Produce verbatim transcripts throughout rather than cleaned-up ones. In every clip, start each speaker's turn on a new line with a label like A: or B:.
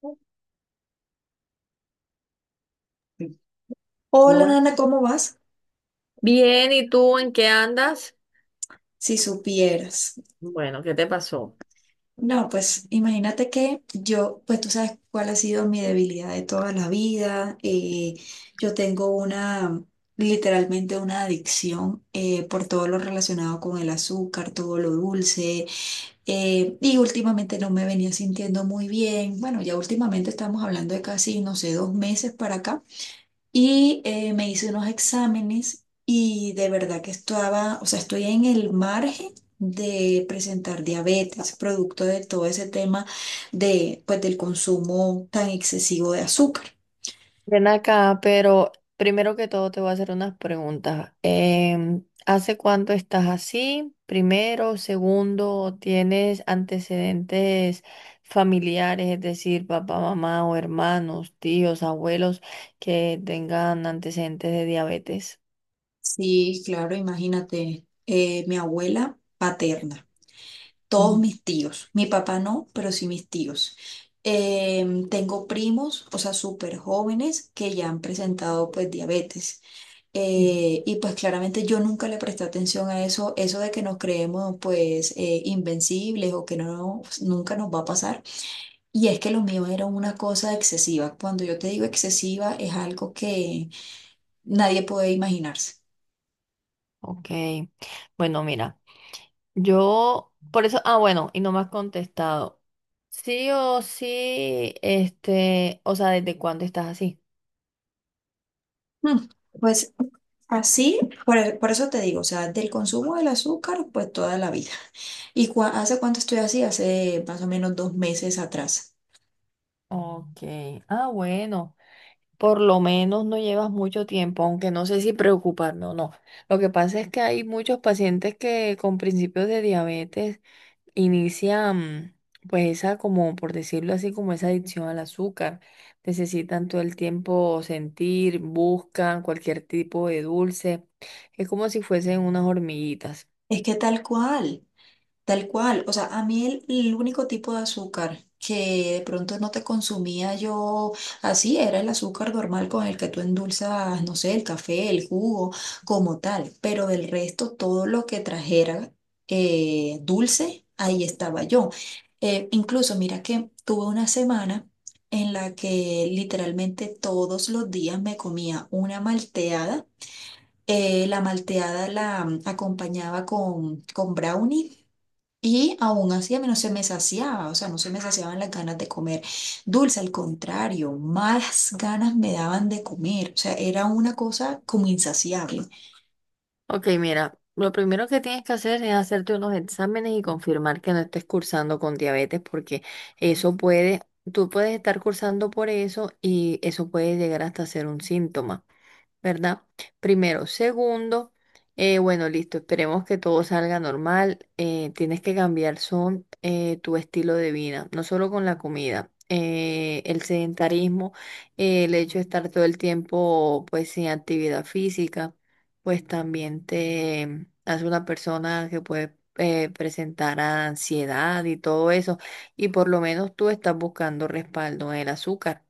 A: ¿Cómo
B: Hola,
A: va?
B: Nana, ¿cómo vas?
A: Bien, ¿y tú en qué andas?
B: Si supieras.
A: Bueno, ¿qué te pasó?
B: No, pues imagínate que yo, pues tú sabes cuál ha sido mi debilidad de toda la vida. Eh, yo tengo una, literalmente una adicción eh, por todo lo relacionado con el azúcar, todo lo dulce. eh, y últimamente no me venía sintiendo muy bien. Bueno, ya últimamente estamos hablando de casi, no sé, dos meses para acá. Y eh, me hice unos exámenes y de verdad que estaba, o sea, estoy en el margen de presentar diabetes, producto de todo ese tema de, pues, del consumo tan excesivo de azúcar.
A: Ven acá, pero primero que todo te voy a hacer unas preguntas. Em, ¿hace cuánto estás así? Primero, segundo, ¿tienes antecedentes familiares, es decir, papá, mamá o hermanos, tíos, abuelos que tengan antecedentes de diabetes?
B: Sí, claro, imagínate, eh, mi abuela paterna, todos
A: Ujú,
B: mis tíos, mi papá no, pero sí mis tíos. Em, tengo primos, o sea, súper jóvenes que ya han presentado pues diabetes.
A: ujú.
B: Eh, y pues claramente yo nunca le presté atención a eso, eso de que nos creemos pues eh, invencibles o que no, pues, nunca nos va a pasar. Y es que lo mío era una cosa excesiva. Cuando yo te digo excesiva es algo que nadie puede imaginarse.
A: Ok, bueno, mira. Yo, por eso, ah, bueno, y no me has contestado. Sí o sí, este, o sea, ¿desde cuándo estás así?
B: Mm, Pues así, por, e, por eso te digo, o sea, del consumo del azúcar pues toda la vida. ¿Y cua- Hace cuánto estoy así? Hace más o menos dos meses atrás.
A: Ok, ah, bueno, por lo menos no llevas mucho tiempo, aunque no sé si preocuparme o no. Lo que pasa es que hay muchos pacientes que con principios de diabetes inicia mm, pues esa como por decirlo así como esa adicción al azúcar. Necesitan todo el tiempo sentir, buscan cualquier tipo de dulce. Es como si fuesen unas hormiguitas.
B: Es que tal cual. Tal cual, o sea, a mí el, el único tipo de azúcar que de pronto no te consumía yo así era el azúcar normal con el que tú endulzas, no sé, el café, el jugo, como tal, pero del resto todo lo que trajera eh, dulce, ahí estaba yo. Eh, incluso mira que tuve una semana en la que literalmente todos los días me comía una malteada. Eh, la malteada la mm, acompañaba con, con brownie y aún así a mí no se me saciaba, o sea, no se me saciaban las ganas de comer dulce, al contrario, más ganas me daban de comer, o sea, era una cosa como insaciable.
A: Ok, mira, lo primero que tienes que hacer es hacerte unos exámenes y confirmar que no estés cursando con diabetes porque eso puede, tú puedes estar cursando por eso y eso puede llegar hasta ser un síntoma. ¿Verdad? Primero. Segundo, eh, bueno, listo, esperemos que todo salga normal. Eh, tienes que cambiar son eh, tu estilo de vida, no solo con la comida. Eh, el sedentarismo, eh, el hecho de estar todo el tiempo pues sin actividad física, pues también te hace una persona que puede eh, presentar ansiedad y todo eso y por lo menos tú estás buscando respaldo en el azúcar.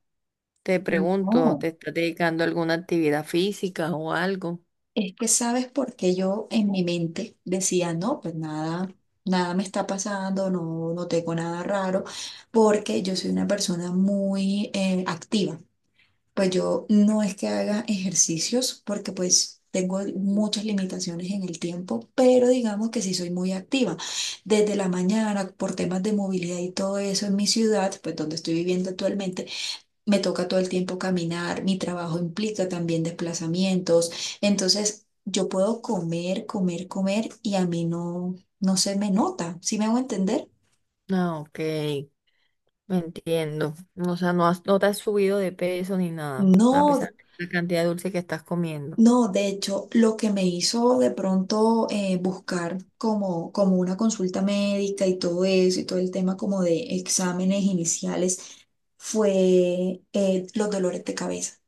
A: Te pregunto,
B: No,
A: ¿te estás dedicando a alguna actividad física o algo?
B: es que sabes por qué yo en mi mente decía, no, pues nada, nada me está pasando, no, no tengo nada raro, porque yo soy una persona muy eh, activa. Pues yo no es que haga ejercicios porque pues tengo muchas limitaciones en el tiempo, pero digamos que sí soy muy activa. Desde la mañana, por temas de movilidad y todo eso en mi ciudad, pues donde estoy viviendo actualmente, me toca todo el tiempo caminar, mi trabajo implica también desplazamientos, entonces yo puedo comer, comer, comer y a mí no, no se me nota, ¿sí me hago entender?
A: Ah, ok, me entiendo. O sea, no has- no te has subido de peso ni nada, a
B: No,
A: pesar de la cantidad de dulce que estás comiendo.
B: no, de hecho, lo que me hizo de pronto eh, buscar como, como una consulta médica y todo eso y todo el tema como de exámenes iniciales fue eh, los dolores de cabeza,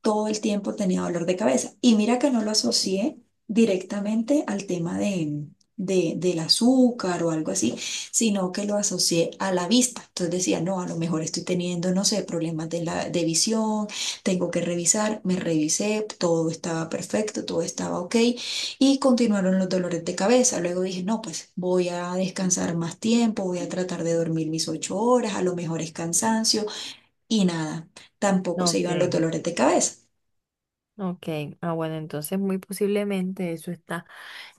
B: todo el tiempo tenía dolor de cabeza. Y mira que no lo asocié directamente al tema de, de- del azúcar o algo así, sino que lo asocié a la vista. Entonces decía, no, a lo mejor estoy teniendo, no sé, problemas de, la, de visión, tengo que revisar. Me revisé, todo estaba perfecto, todo estaba ok. Y continuaron los dolores de cabeza. Luego dije, no, pues voy a descansar más tiempo, voy a tratar de dormir mis ocho horas, a lo mejor es cansancio. Y nada, tampoco se
A: Ok.
B: iban los dolores de cabeza.
A: Ok, ah, bueno, entonces muy posiblemente eso está,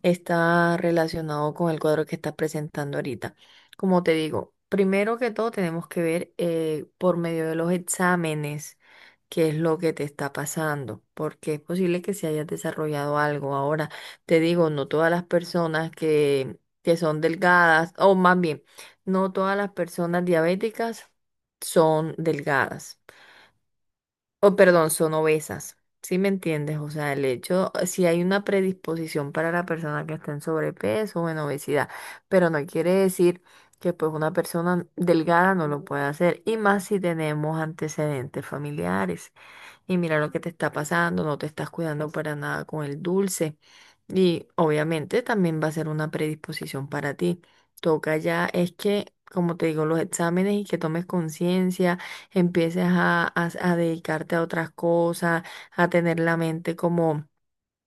A: está relacionado con el cuadro que estás presentando ahorita. Como te digo, primero que todo tenemos que ver eh, por medio de los exámenes qué es lo que te está pasando, porque es posible que se haya desarrollado algo. Ahora, te digo, no todas las personas que, que son delgadas, o más bien, no todas las personas diabéticas son delgadas o perdón, son obesas. ¿Sí me entiendes? O sea, el hecho, si hay una predisposición para la persona que está en sobrepeso o en obesidad, pero no quiere decir que pues una persona delgada no lo pueda hacer, y más si tenemos antecedentes familiares. Y mira lo que te está pasando, no te estás cuidando para nada con el dulce. Y obviamente también va a ser una predisposición para ti. Toca ya, es que, como te digo, los exámenes y que tomes conciencia empieces a, a- a dedicarte a otras cosas, a tener la mente como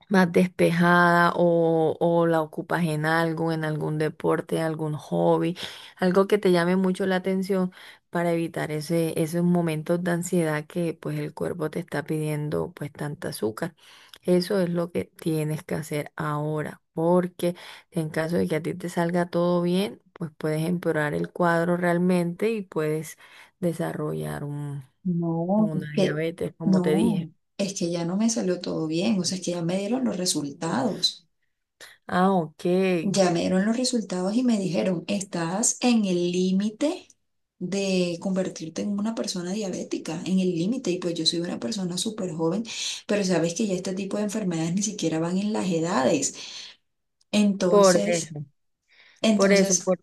A: más despejada o, o la ocupas en algo, en algún deporte, algún hobby, algo que te llame mucho la atención para evitar ese, esos momentos de ansiedad que pues el cuerpo te está pidiendo pues tanta azúcar. Eso es lo que tienes que hacer ahora, porque en caso de que a ti te salga todo bien, pues puedes empeorar el cuadro realmente y puedes desarrollar un,
B: No, es
A: una
B: que
A: diabetes, como te dije.
B: no, es que ya no me salió todo bien, o sea, es que ya me dieron los resultados.
A: Ah, ok.
B: Ya me dieron los resultados y me dijeron, estás en el límite de convertirte en una persona diabética, en el límite, y pues yo soy una persona súper joven, pero sabes que ya este tipo de enfermedades ni siquiera van en las edades.
A: Por
B: Entonces,
A: eso. Por eso,
B: entonces
A: por-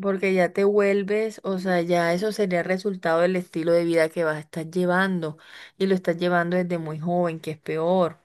A: porque ya te vuelves, o sea, ya eso sería el resultado del estilo de vida que vas a estar llevando y lo estás llevando desde muy joven, que es peor,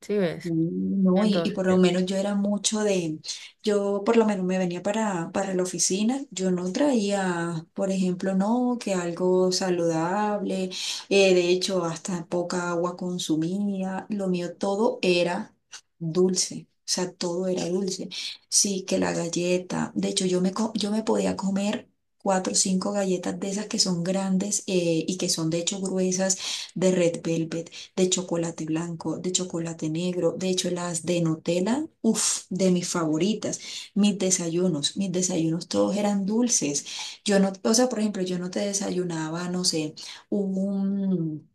A: ¿sí ves?
B: Mm, no, y, y
A: Entonces,
B: por lo menos yo era mucho de, yo por lo menos me venía para, para la oficina, yo no traía, por ejemplo, no, que algo saludable, eh, de hecho hasta poca agua consumía, lo mío todo era dulce, o sea, todo era dulce. Sí, que la galleta, de hecho yo me, co- yo me podía comer cuatro o cinco galletas de esas que son grandes eh, y que son de hecho gruesas de Red Velvet, de chocolate blanco, de chocolate negro. De hecho, las de Nutella, uff, de mis favoritas. Mis desayunos, mis desayunos todos eran dulces. Yo no, o sea, por ejemplo, yo no te desayunaba, no sé, un,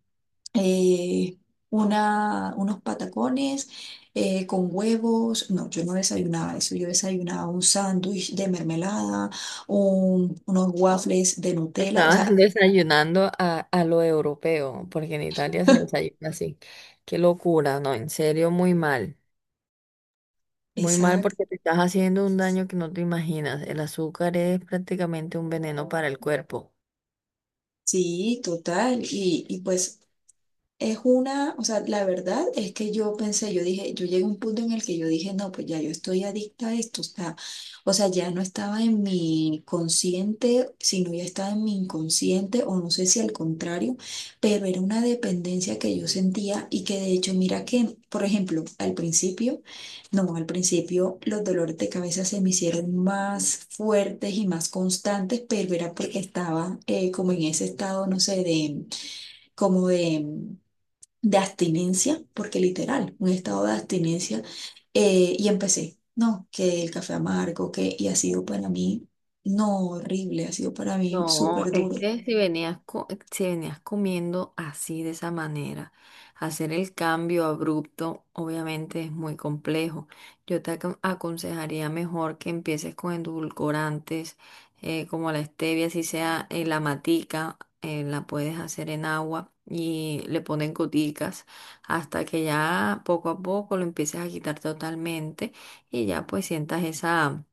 B: eh, una, unos patacones eh, con huevos. No, yo no desayunaba eso. Yo desayunaba un sándwich de mermelada, un- unos waffles de Nutella, o
A: estabas
B: sea,
A: desayunando a, a lo europeo, porque en Italia se desayuna así. Qué locura, no, en serio, muy mal. Muy mal
B: exacto.
A: porque te estás haciendo un daño que no te imaginas. El azúcar es prácticamente un veneno para el cuerpo.
B: Sí, total. Y, y pues es una, o sea, la verdad es que yo pensé, yo dije, yo llegué a un punto en el que yo dije, no, pues ya yo estoy adicta a esto, está, o sea, ya no estaba en mi consciente, sino ya estaba en mi inconsciente, o no sé si al contrario, pero era una dependencia que yo sentía y que de hecho, mira que, por ejemplo, al principio, no, al principio los dolores de cabeza se me hicieron más fuertes y más constantes, pero era porque estaba eh, como en ese estado, no sé, de, como de de abstinencia, porque literal, un estado de abstinencia, eh, y empecé, no, que el café amargo, que, y ha sido para mí, no horrible, ha sido para mí
A: No,
B: súper
A: es
B: duro.
A: que si venías, co- si venías comiendo así de esa manera, hacer el cambio abrupto obviamente es muy complejo. Yo te acon- aconsejaría mejor que empieces con endulcorantes eh, como la stevia, si sea eh, la matica, eh, la puedes hacer en agua y le ponen goticas hasta que ya poco a poco lo empieces a quitar totalmente y ya pues sientas esa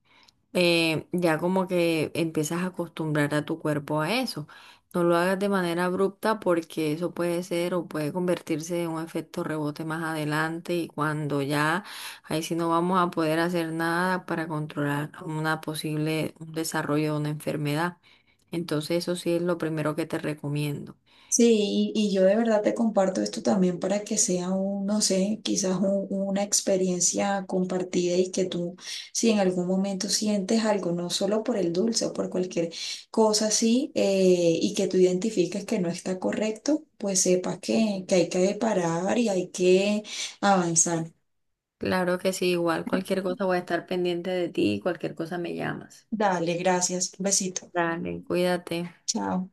A: eh, ya como que empiezas a acostumbrar a tu cuerpo a eso. No lo hagas de manera abrupta porque eso puede ser o puede convertirse en un efecto rebote más adelante y cuando ya ahí sí no vamos a poder hacer nada para controlar una posible un desarrollo de una enfermedad. Entonces eso sí es lo primero que te recomiendo.
B: Sí, y, y yo de verdad te comparto esto también para que sea un, no sé, quizás un- una experiencia compartida y que tú, si en algún momento sientes algo, no solo por el dulce o por cualquier cosa así, eh, y que tú identifiques que no está correcto, pues sepas que, que hay que parar y hay que avanzar.
A: Claro que sí, igual cualquier cosa voy a estar pendiente de ti, y cualquier cosa me llamas.
B: Dale, gracias. Un besito.
A: Dale, cuídate.
B: Chao.